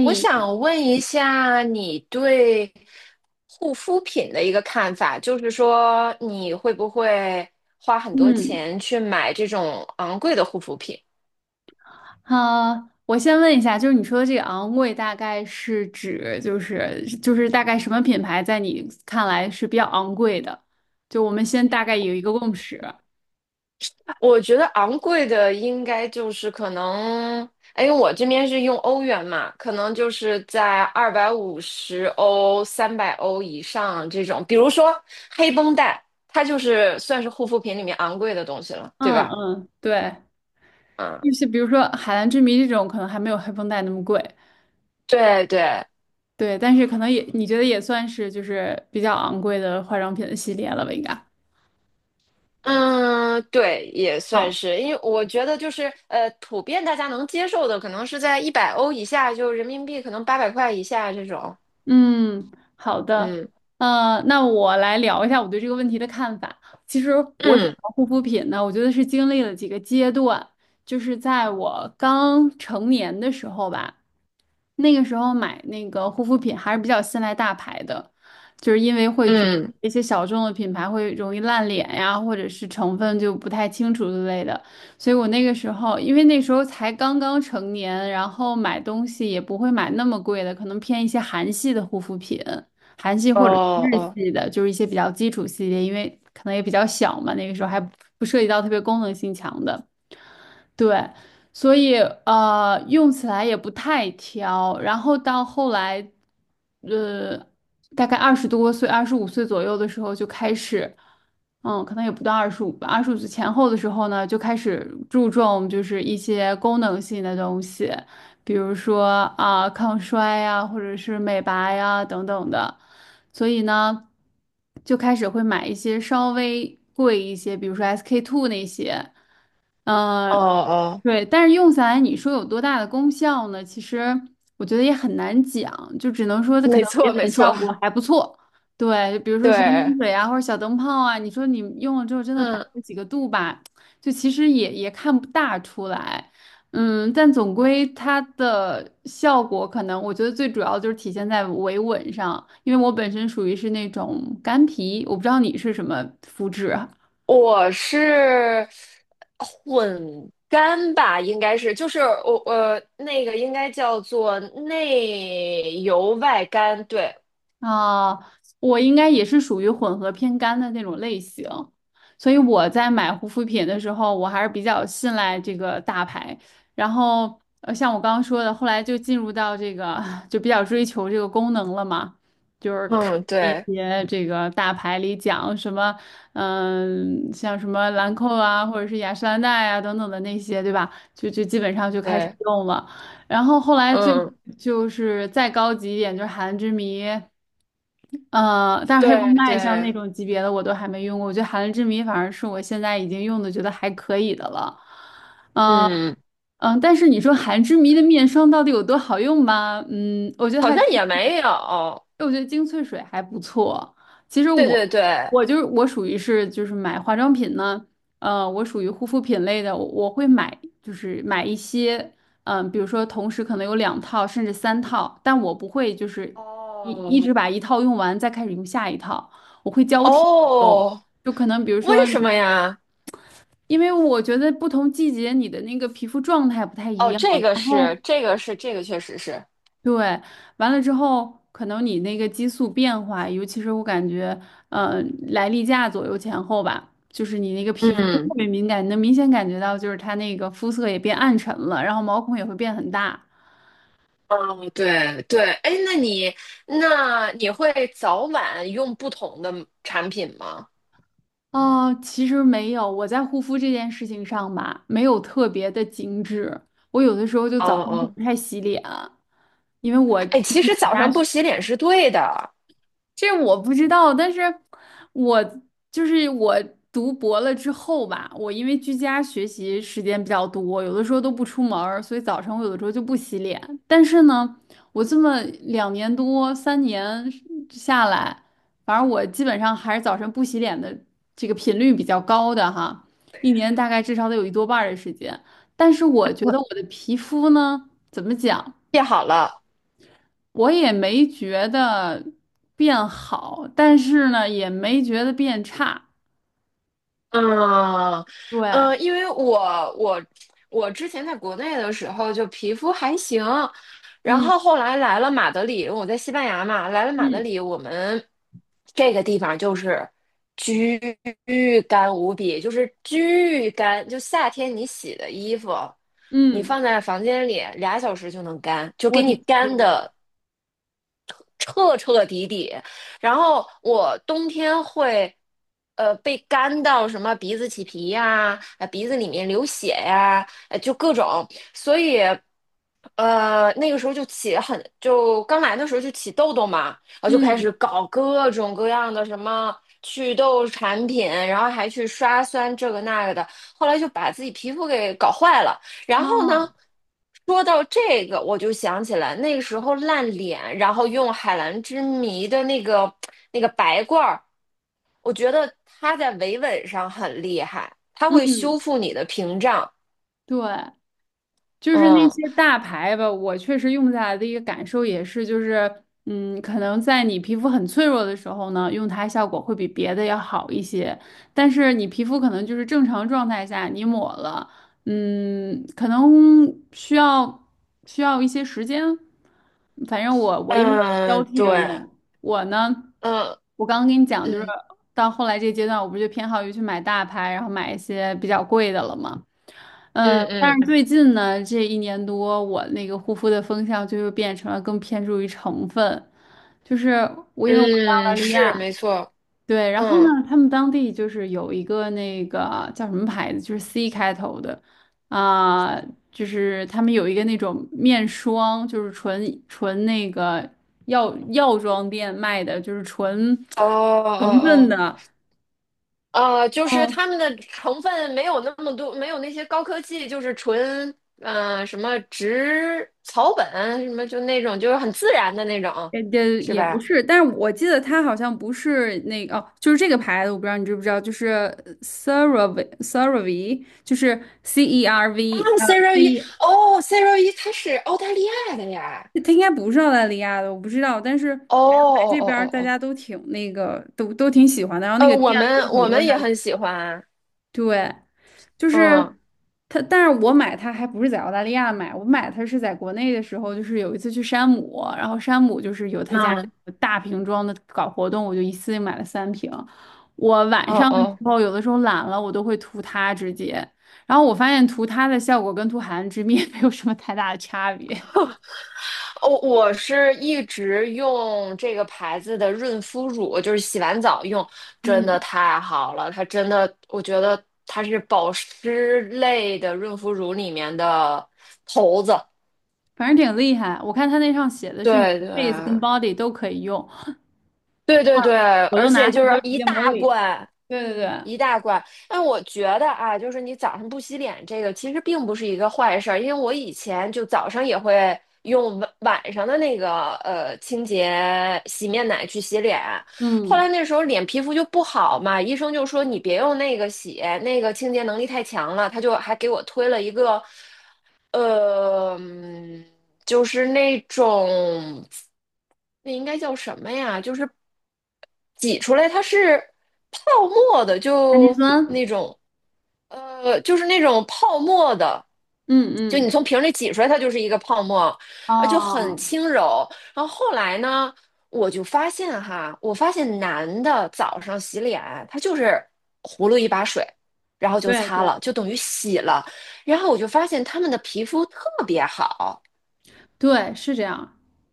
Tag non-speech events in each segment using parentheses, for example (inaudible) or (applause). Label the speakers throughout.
Speaker 1: 我想问一下你对护肤品的一个看法，就是说你会不会花很多
Speaker 2: 嗯，
Speaker 1: 钱去买这种昂贵的护肤品？
Speaker 2: 好，我先问一下，就是你说的这个昂贵，大概是指就是大概什么品牌在你看来是比较昂贵的？就我们先大概有一个共识。
Speaker 1: 我觉得昂贵的应该就是可能，哎，因为我这边是用欧元嘛，可能就是在250欧、300欧以上这种，比如说黑绷带，它就是算是护肤品里面昂贵的东西了，对
Speaker 2: 嗯
Speaker 1: 吧？
Speaker 2: 嗯，对，
Speaker 1: 嗯，
Speaker 2: 就是比如说《海蓝之谜》这种，可能还没有黑绷带那么贵，
Speaker 1: 对对。
Speaker 2: 对，但是可能也你觉得也算是就是比较昂贵的化妆品的系列了吧，应该。
Speaker 1: 嗯，对，也算是，因为我觉得就是普遍大家能接受的，可能是在100欧以下，就人民币可能800块以下这种。
Speaker 2: 嗯，好的，
Speaker 1: 嗯
Speaker 2: 那我来聊一下我对这个问题的看法。其实我选
Speaker 1: 嗯
Speaker 2: 择护肤品呢，我觉得是经历了几个阶段，就是在我刚成年的时候吧，那个时候买那个护肤品还是比较信赖大牌的，就是因为会觉得
Speaker 1: 嗯，
Speaker 2: 一些小众的品牌会容易烂脸呀，或者是成分就不太清楚之类的。所以我那个时候，因为那时候才刚刚成年，然后买东西也不会买那么贵的，可能偏一些韩系的护肤品，韩系
Speaker 1: 哦
Speaker 2: 或者是日
Speaker 1: 哦
Speaker 2: 系的，就是一些比较基础系列，因为可能也比较小嘛，那个时候还不涉及到特别功能性强的。对，所以用起来也不太挑。然后到后来，呃，大概20多岁、二十五岁左右的时候就开始，可能也不到二十五吧，二十五岁前后的时候呢，就开始注重就是一些功能性的东西，比如说啊、抗衰呀，或者是美白呀等等的。所以呢，就开始会买一些稍微贵一些，比如说 SK-II 那些。
Speaker 1: 哦
Speaker 2: 嗯，
Speaker 1: 哦，
Speaker 2: 对，但是用下来你说有多大的功效呢？其实我觉得也很难讲，就只能说它可
Speaker 1: 没
Speaker 2: 能给
Speaker 1: 错没
Speaker 2: 本
Speaker 1: 错，
Speaker 2: 效果还不错。对，比如说神
Speaker 1: 对，
Speaker 2: 经水啊，或者小灯泡啊，你说你用了之后真的白
Speaker 1: 嗯。
Speaker 2: 了几个度吧，就其实也看不大出来。嗯，但总归它的效果可能，我觉得最主要就是体现在维稳上，因为我本身属于是那种干皮，我不知道你是什么肤质啊。
Speaker 1: 我是混干吧，应该是，就是我那个应该叫做内油外干，对。
Speaker 2: 啊，我应该也是属于混合偏干的那种类型，所以我在买护肤品的时候，我还是比较信赖这个大牌。然后，像我刚刚说的，后来就进入到这个，就比较追求这个功能了嘛，就是看
Speaker 1: 嗯
Speaker 2: 一
Speaker 1: 对
Speaker 2: 些这个大牌里讲什么，嗯，像什么兰蔻啊，或者是雅诗兰黛啊等等的那些，对吧？就基本上就开始
Speaker 1: 对，
Speaker 2: 用了。然后后来最
Speaker 1: 嗯
Speaker 2: 就是再高级一点，就是韩之谜。但是黑绷
Speaker 1: 对
Speaker 2: 带像那
Speaker 1: 对。
Speaker 2: 种级别的我都还没用过，我觉得含泪之谜反而是我现在已经用的觉得还可以的了。嗯、
Speaker 1: 嗯，
Speaker 2: 但是你说含之谜的面霜到底有多好用吗？嗯，我觉得
Speaker 1: 好
Speaker 2: 还。
Speaker 1: 像也没有。
Speaker 2: 哎我觉得精粹水还不错。其实
Speaker 1: 对对
Speaker 2: 我，
Speaker 1: 对，
Speaker 2: 我就是我属于是就是买化妆品呢，我属于护肤品类的，我会买就是买一些，比如说同时可能有2套甚至3套，但我不会就是一一
Speaker 1: 哦，
Speaker 2: 直把一套用完再开始用下一套，我会交替用，
Speaker 1: 哦，
Speaker 2: 就可能比如
Speaker 1: 为
Speaker 2: 说，
Speaker 1: 什么呀？
Speaker 2: 因为我觉得不同季节你的那个皮肤状态不太一
Speaker 1: 哦，
Speaker 2: 样，
Speaker 1: 这个
Speaker 2: 然后。
Speaker 1: 是，这个是，这个确实是。
Speaker 2: 对，完了之后，可能你那个激素变化，尤其是我感觉，嗯，来例假左右前后吧，就是你那个皮肤会特
Speaker 1: 嗯，
Speaker 2: 别敏感，你能明显感觉到，就是它那个肤色也变暗沉了，然后毛孔也会变很大。
Speaker 1: 哦，对对，哎，那你会早晚用不同的产品吗？
Speaker 2: 哦，其实没有，我在护肤这件事情上吧，没有特别的精致，我有的时候就
Speaker 1: 哦
Speaker 2: 早上就
Speaker 1: 哦，
Speaker 2: 不太洗脸啊，因为我。
Speaker 1: 哎，其实早
Speaker 2: 家。
Speaker 1: 上不洗脸是对的，
Speaker 2: 这我不知道，但是我就是我读博了之后吧，我因为居家学习时间比较多，有的时候都不出门儿所以早晨我有的时候就不洗脸。但是呢，我这么2年多3年下来，反正我基本上还是早晨不洗脸的这个频率比较高的哈，一年大概至少得有一多半儿的时间。但是我觉得我的皮肤呢，怎么讲？
Speaker 1: 记好了。
Speaker 2: 我也没觉得变好，但是呢，也没觉得变差。
Speaker 1: 嗯，
Speaker 2: 对，
Speaker 1: 嗯，因为我之前在国内的时候就皮肤还行，然
Speaker 2: 嗯
Speaker 1: 后后来来了马德里，我在西班牙嘛，来了马德
Speaker 2: 嗯
Speaker 1: 里，我们这个地方就是巨干无比，就是巨干，就夏天你洗的衣服，你
Speaker 2: 嗯，
Speaker 1: 放在房间里俩小时就能干，就
Speaker 2: 我
Speaker 1: 给
Speaker 2: 的
Speaker 1: 你干
Speaker 2: 天，
Speaker 1: 的彻彻底底。然后我冬天会，被干到什么鼻子起皮呀，鼻子里面流血呀，就各种，所以，那个时候就起很，就刚来的时候就起痘痘嘛，然后就开
Speaker 2: 嗯
Speaker 1: 始搞各种各样的什么祛痘产品，然后还去刷酸这个那个的，后来就把自己皮肤给搞坏了，然
Speaker 2: 啊，
Speaker 1: 后呢，说到这个，我就想起来那个时候烂脸，然后用海蓝之谜的那个那个白罐儿，我觉得它在维稳上很厉害，它会修
Speaker 2: 嗯，
Speaker 1: 复你的屏障。
Speaker 2: 对。就是那
Speaker 1: 嗯
Speaker 2: 些大牌吧，我确实用下来的一个感受也是，就是，可能在你皮肤很脆弱的时候呢，用它效果会比别的要好一些。但是你皮肤可能就是正常状态下，你抹了，可能需要需要一些时间。反正我因为交
Speaker 1: 嗯，
Speaker 2: 替着
Speaker 1: 对，
Speaker 2: 用，我呢，
Speaker 1: 嗯
Speaker 2: 我刚刚跟你讲，就是
Speaker 1: 嗯
Speaker 2: 到后来这个阶段，我不就偏好于去买大牌，然后买一些比较贵的了吗？
Speaker 1: 嗯
Speaker 2: 嗯，但
Speaker 1: 嗯
Speaker 2: 是最近呢，这一年多，我那个护肤的风向就又变成了更偏重于成分，就是澳大
Speaker 1: 嗯，
Speaker 2: 利
Speaker 1: 是
Speaker 2: 亚，
Speaker 1: 没错。
Speaker 2: 对。然后
Speaker 1: 嗯，
Speaker 2: 呢，他们当地就是有一个那个叫什么牌子，就是 C 开头的，啊、就是他们有一个那种面霜，就是纯那个药妆店卖的，就是纯
Speaker 1: 哦哦
Speaker 2: 成分
Speaker 1: 哦，
Speaker 2: 的。
Speaker 1: 就是他们的成分没有那么多，没有那些高科技，就是纯什么植草本什么就那种，就是很自然的那种，
Speaker 2: 也也
Speaker 1: 是
Speaker 2: 也不
Speaker 1: 吧？
Speaker 2: 是，但是我记得它好像不是那个哦，就是这个牌子，我不知道你知不知道，就是 CeraVe，就是 C E R
Speaker 1: 啊
Speaker 2: V
Speaker 1: ，Zero 一，
Speaker 2: V，
Speaker 1: 哦，Zero 一，它是澳大利亚的呀。
Speaker 2: 它应该不是澳大利亚的，我不知道，但是反
Speaker 1: 哦
Speaker 2: 正来
Speaker 1: 哦
Speaker 2: 这
Speaker 1: 哦
Speaker 2: 边
Speaker 1: 哦
Speaker 2: 儿大
Speaker 1: 哦，
Speaker 2: 家都挺那个，都挺喜欢的，然后那个店
Speaker 1: 我
Speaker 2: 里
Speaker 1: 们
Speaker 2: 有很
Speaker 1: 我
Speaker 2: 多
Speaker 1: 们
Speaker 2: 它，
Speaker 1: 也很喜欢，
Speaker 2: 对。就是
Speaker 1: 嗯，
Speaker 2: 它，但是我买它还不是在澳大利亚买，我买它是在国内的时候，就是有一次去山姆，然后山姆就是有他家
Speaker 1: 嗯，
Speaker 2: 那个大瓶装的搞活动，我就一次性买了3瓶。我晚
Speaker 1: 哦
Speaker 2: 上的时
Speaker 1: 哦。
Speaker 2: 候，有的时候懒了，我都会涂它直接，然后我发现涂它的效果跟涂海岸之蜜 (laughs) 没有什么太大的差别，
Speaker 1: 哦，我是一直用这个牌子的润肤乳，就是洗完澡用，真的
Speaker 2: 嗯，
Speaker 1: 太好了。它真的，我觉得它是保湿类的润肤乳里面的头子。
Speaker 2: 反正挺厉害。我看它那上写的是你
Speaker 1: 对
Speaker 2: 的
Speaker 1: 对
Speaker 2: face 跟 body 都可以用，
Speaker 1: 对对对，
Speaker 2: 我
Speaker 1: 而
Speaker 2: 都拿
Speaker 1: 且就
Speaker 2: 它
Speaker 1: 是
Speaker 2: 都直
Speaker 1: 一
Speaker 2: 接抹
Speaker 1: 大
Speaker 2: 脸。
Speaker 1: 罐，
Speaker 2: 对对对，
Speaker 1: 一大罐。但我觉得啊，就是你早上不洗脸这个其实并不是一个坏事儿，因为我以前就早上也会用晚上的那个清洁洗面奶去洗脸，后
Speaker 2: 嗯，
Speaker 1: 来那时候脸皮肤就不好嘛，医生就说你别用那个洗，那个清洁能力太强了，他就还给我推了一个，呃，嗯就是那种。那应该叫什么呀？就是挤出来，它是泡沫的，
Speaker 2: 氨基
Speaker 1: 就
Speaker 2: 酸，
Speaker 1: 那种，就是那种泡沫的，
Speaker 2: 嗯
Speaker 1: 就你
Speaker 2: 嗯。
Speaker 1: 从瓶里挤出来，它就是一个泡沫，啊，就很
Speaker 2: 哦，
Speaker 1: 轻柔。然后后来呢，我就发现哈，我发现男的早上洗脸，他就是葫芦一把水，然后就
Speaker 2: 对
Speaker 1: 擦
Speaker 2: 对
Speaker 1: 了，就等于洗了。然后我就发现他们的皮肤特别好。
Speaker 2: 对，是这样，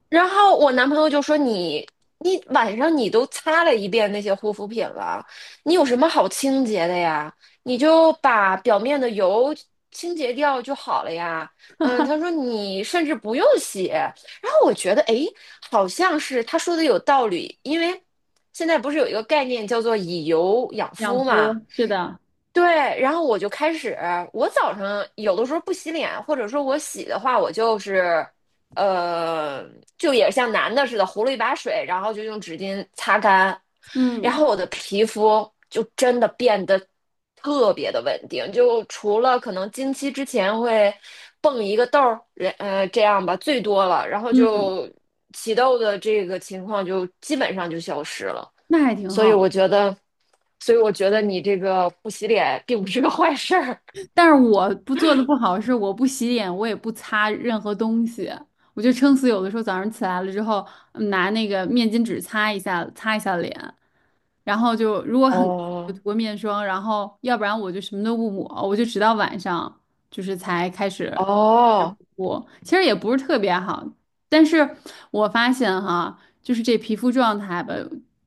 Speaker 1: 然后我男朋友就说你你晚上你都擦了一遍那些护肤品了，你有什么好清洁的呀？你就把表面的油清洁掉就好了呀。嗯，他说你甚至不用洗。然后我觉得诶，好像是他说的有道理，因为现在不是有一个概念叫做以油养
Speaker 2: 养
Speaker 1: 肤嘛。
Speaker 2: 肤是的，
Speaker 1: 对，然后我就开始，我早上有的时候不洗脸，或者说我洗的话，我就是。呃，就也像男的似的，糊了一把水，然后就用纸巾擦干，然
Speaker 2: 嗯
Speaker 1: 后我的皮肤就真的变得特别的稳定，就除了可能经期之前会蹦一个痘儿，这样吧，最多了，然后
Speaker 2: 嗯，
Speaker 1: 就起痘的这个情况就基本上就消失了，
Speaker 2: 那还挺
Speaker 1: 所以我
Speaker 2: 好。
Speaker 1: 觉得，所以我觉得你这个不洗脸并不是个坏事儿。(laughs)
Speaker 2: 但是我不做的不好是我不洗脸，我也不擦任何东西，我就撑死有的时候早上起来了之后，拿那个面巾纸擦一下，擦一下脸，然后就如果很干就
Speaker 1: 哦
Speaker 2: 涂个面霜，然后要不然我就什么都不抹，我就直到晚上就是才开始。
Speaker 1: 哦，
Speaker 2: 我其实也不是特别好。但是我发现哈，就是这皮肤状态吧，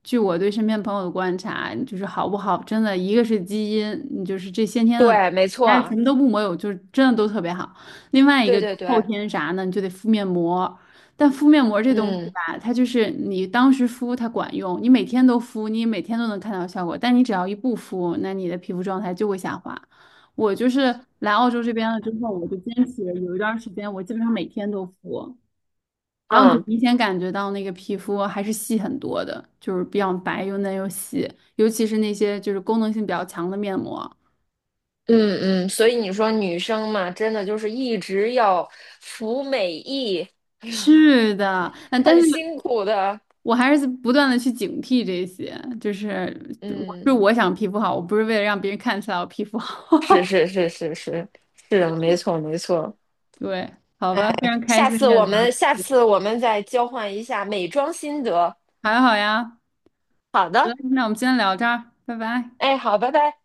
Speaker 2: 据我对身边朋友的观察，就是好不好，真的一个是基因，你就是这先天的，
Speaker 1: 对，没
Speaker 2: 但是什
Speaker 1: 错，
Speaker 2: 么都不抹有，就是真的都特别好。另外一
Speaker 1: 对
Speaker 2: 个就
Speaker 1: 对
Speaker 2: 后
Speaker 1: 对，
Speaker 2: 天啥呢，你就得敷面膜。但敷面膜这东西
Speaker 1: 嗯。
Speaker 2: 吧，它就是你当时敷它管用，你每天都敷，你每天都能看到效果。但你只要一不敷，那你的皮肤状态就会下滑。我就是来澳洲这边了之后，我就坚持有一段时间，我基本上每天都敷，然后你就
Speaker 1: 嗯
Speaker 2: 明显感觉到那个皮肤还是细很多的，就是比较白又嫩又细，尤其是那些就是功能性比较强的面膜。
Speaker 1: 嗯嗯，所以你说女生嘛，真的就是一直要服美役，
Speaker 2: 是的，但
Speaker 1: 很
Speaker 2: 是
Speaker 1: 辛苦的。
Speaker 2: 我还是不断的去警惕这些，就是我
Speaker 1: 嗯，
Speaker 2: 是我想皮肤好，我不是为了让别人看起来我皮肤好。
Speaker 1: 是
Speaker 2: (laughs)
Speaker 1: 是是是是，是的，没错没错。
Speaker 2: 对，好吧，非常开
Speaker 1: 下
Speaker 2: 心跟你
Speaker 1: 次
Speaker 2: 聊，
Speaker 1: 我们再交换一下美妆心得。
Speaker 2: 还好呀。
Speaker 1: 好
Speaker 2: 好的，
Speaker 1: 的，
Speaker 2: 那我们今天聊这儿，拜拜。
Speaker 1: 哎，好，拜拜。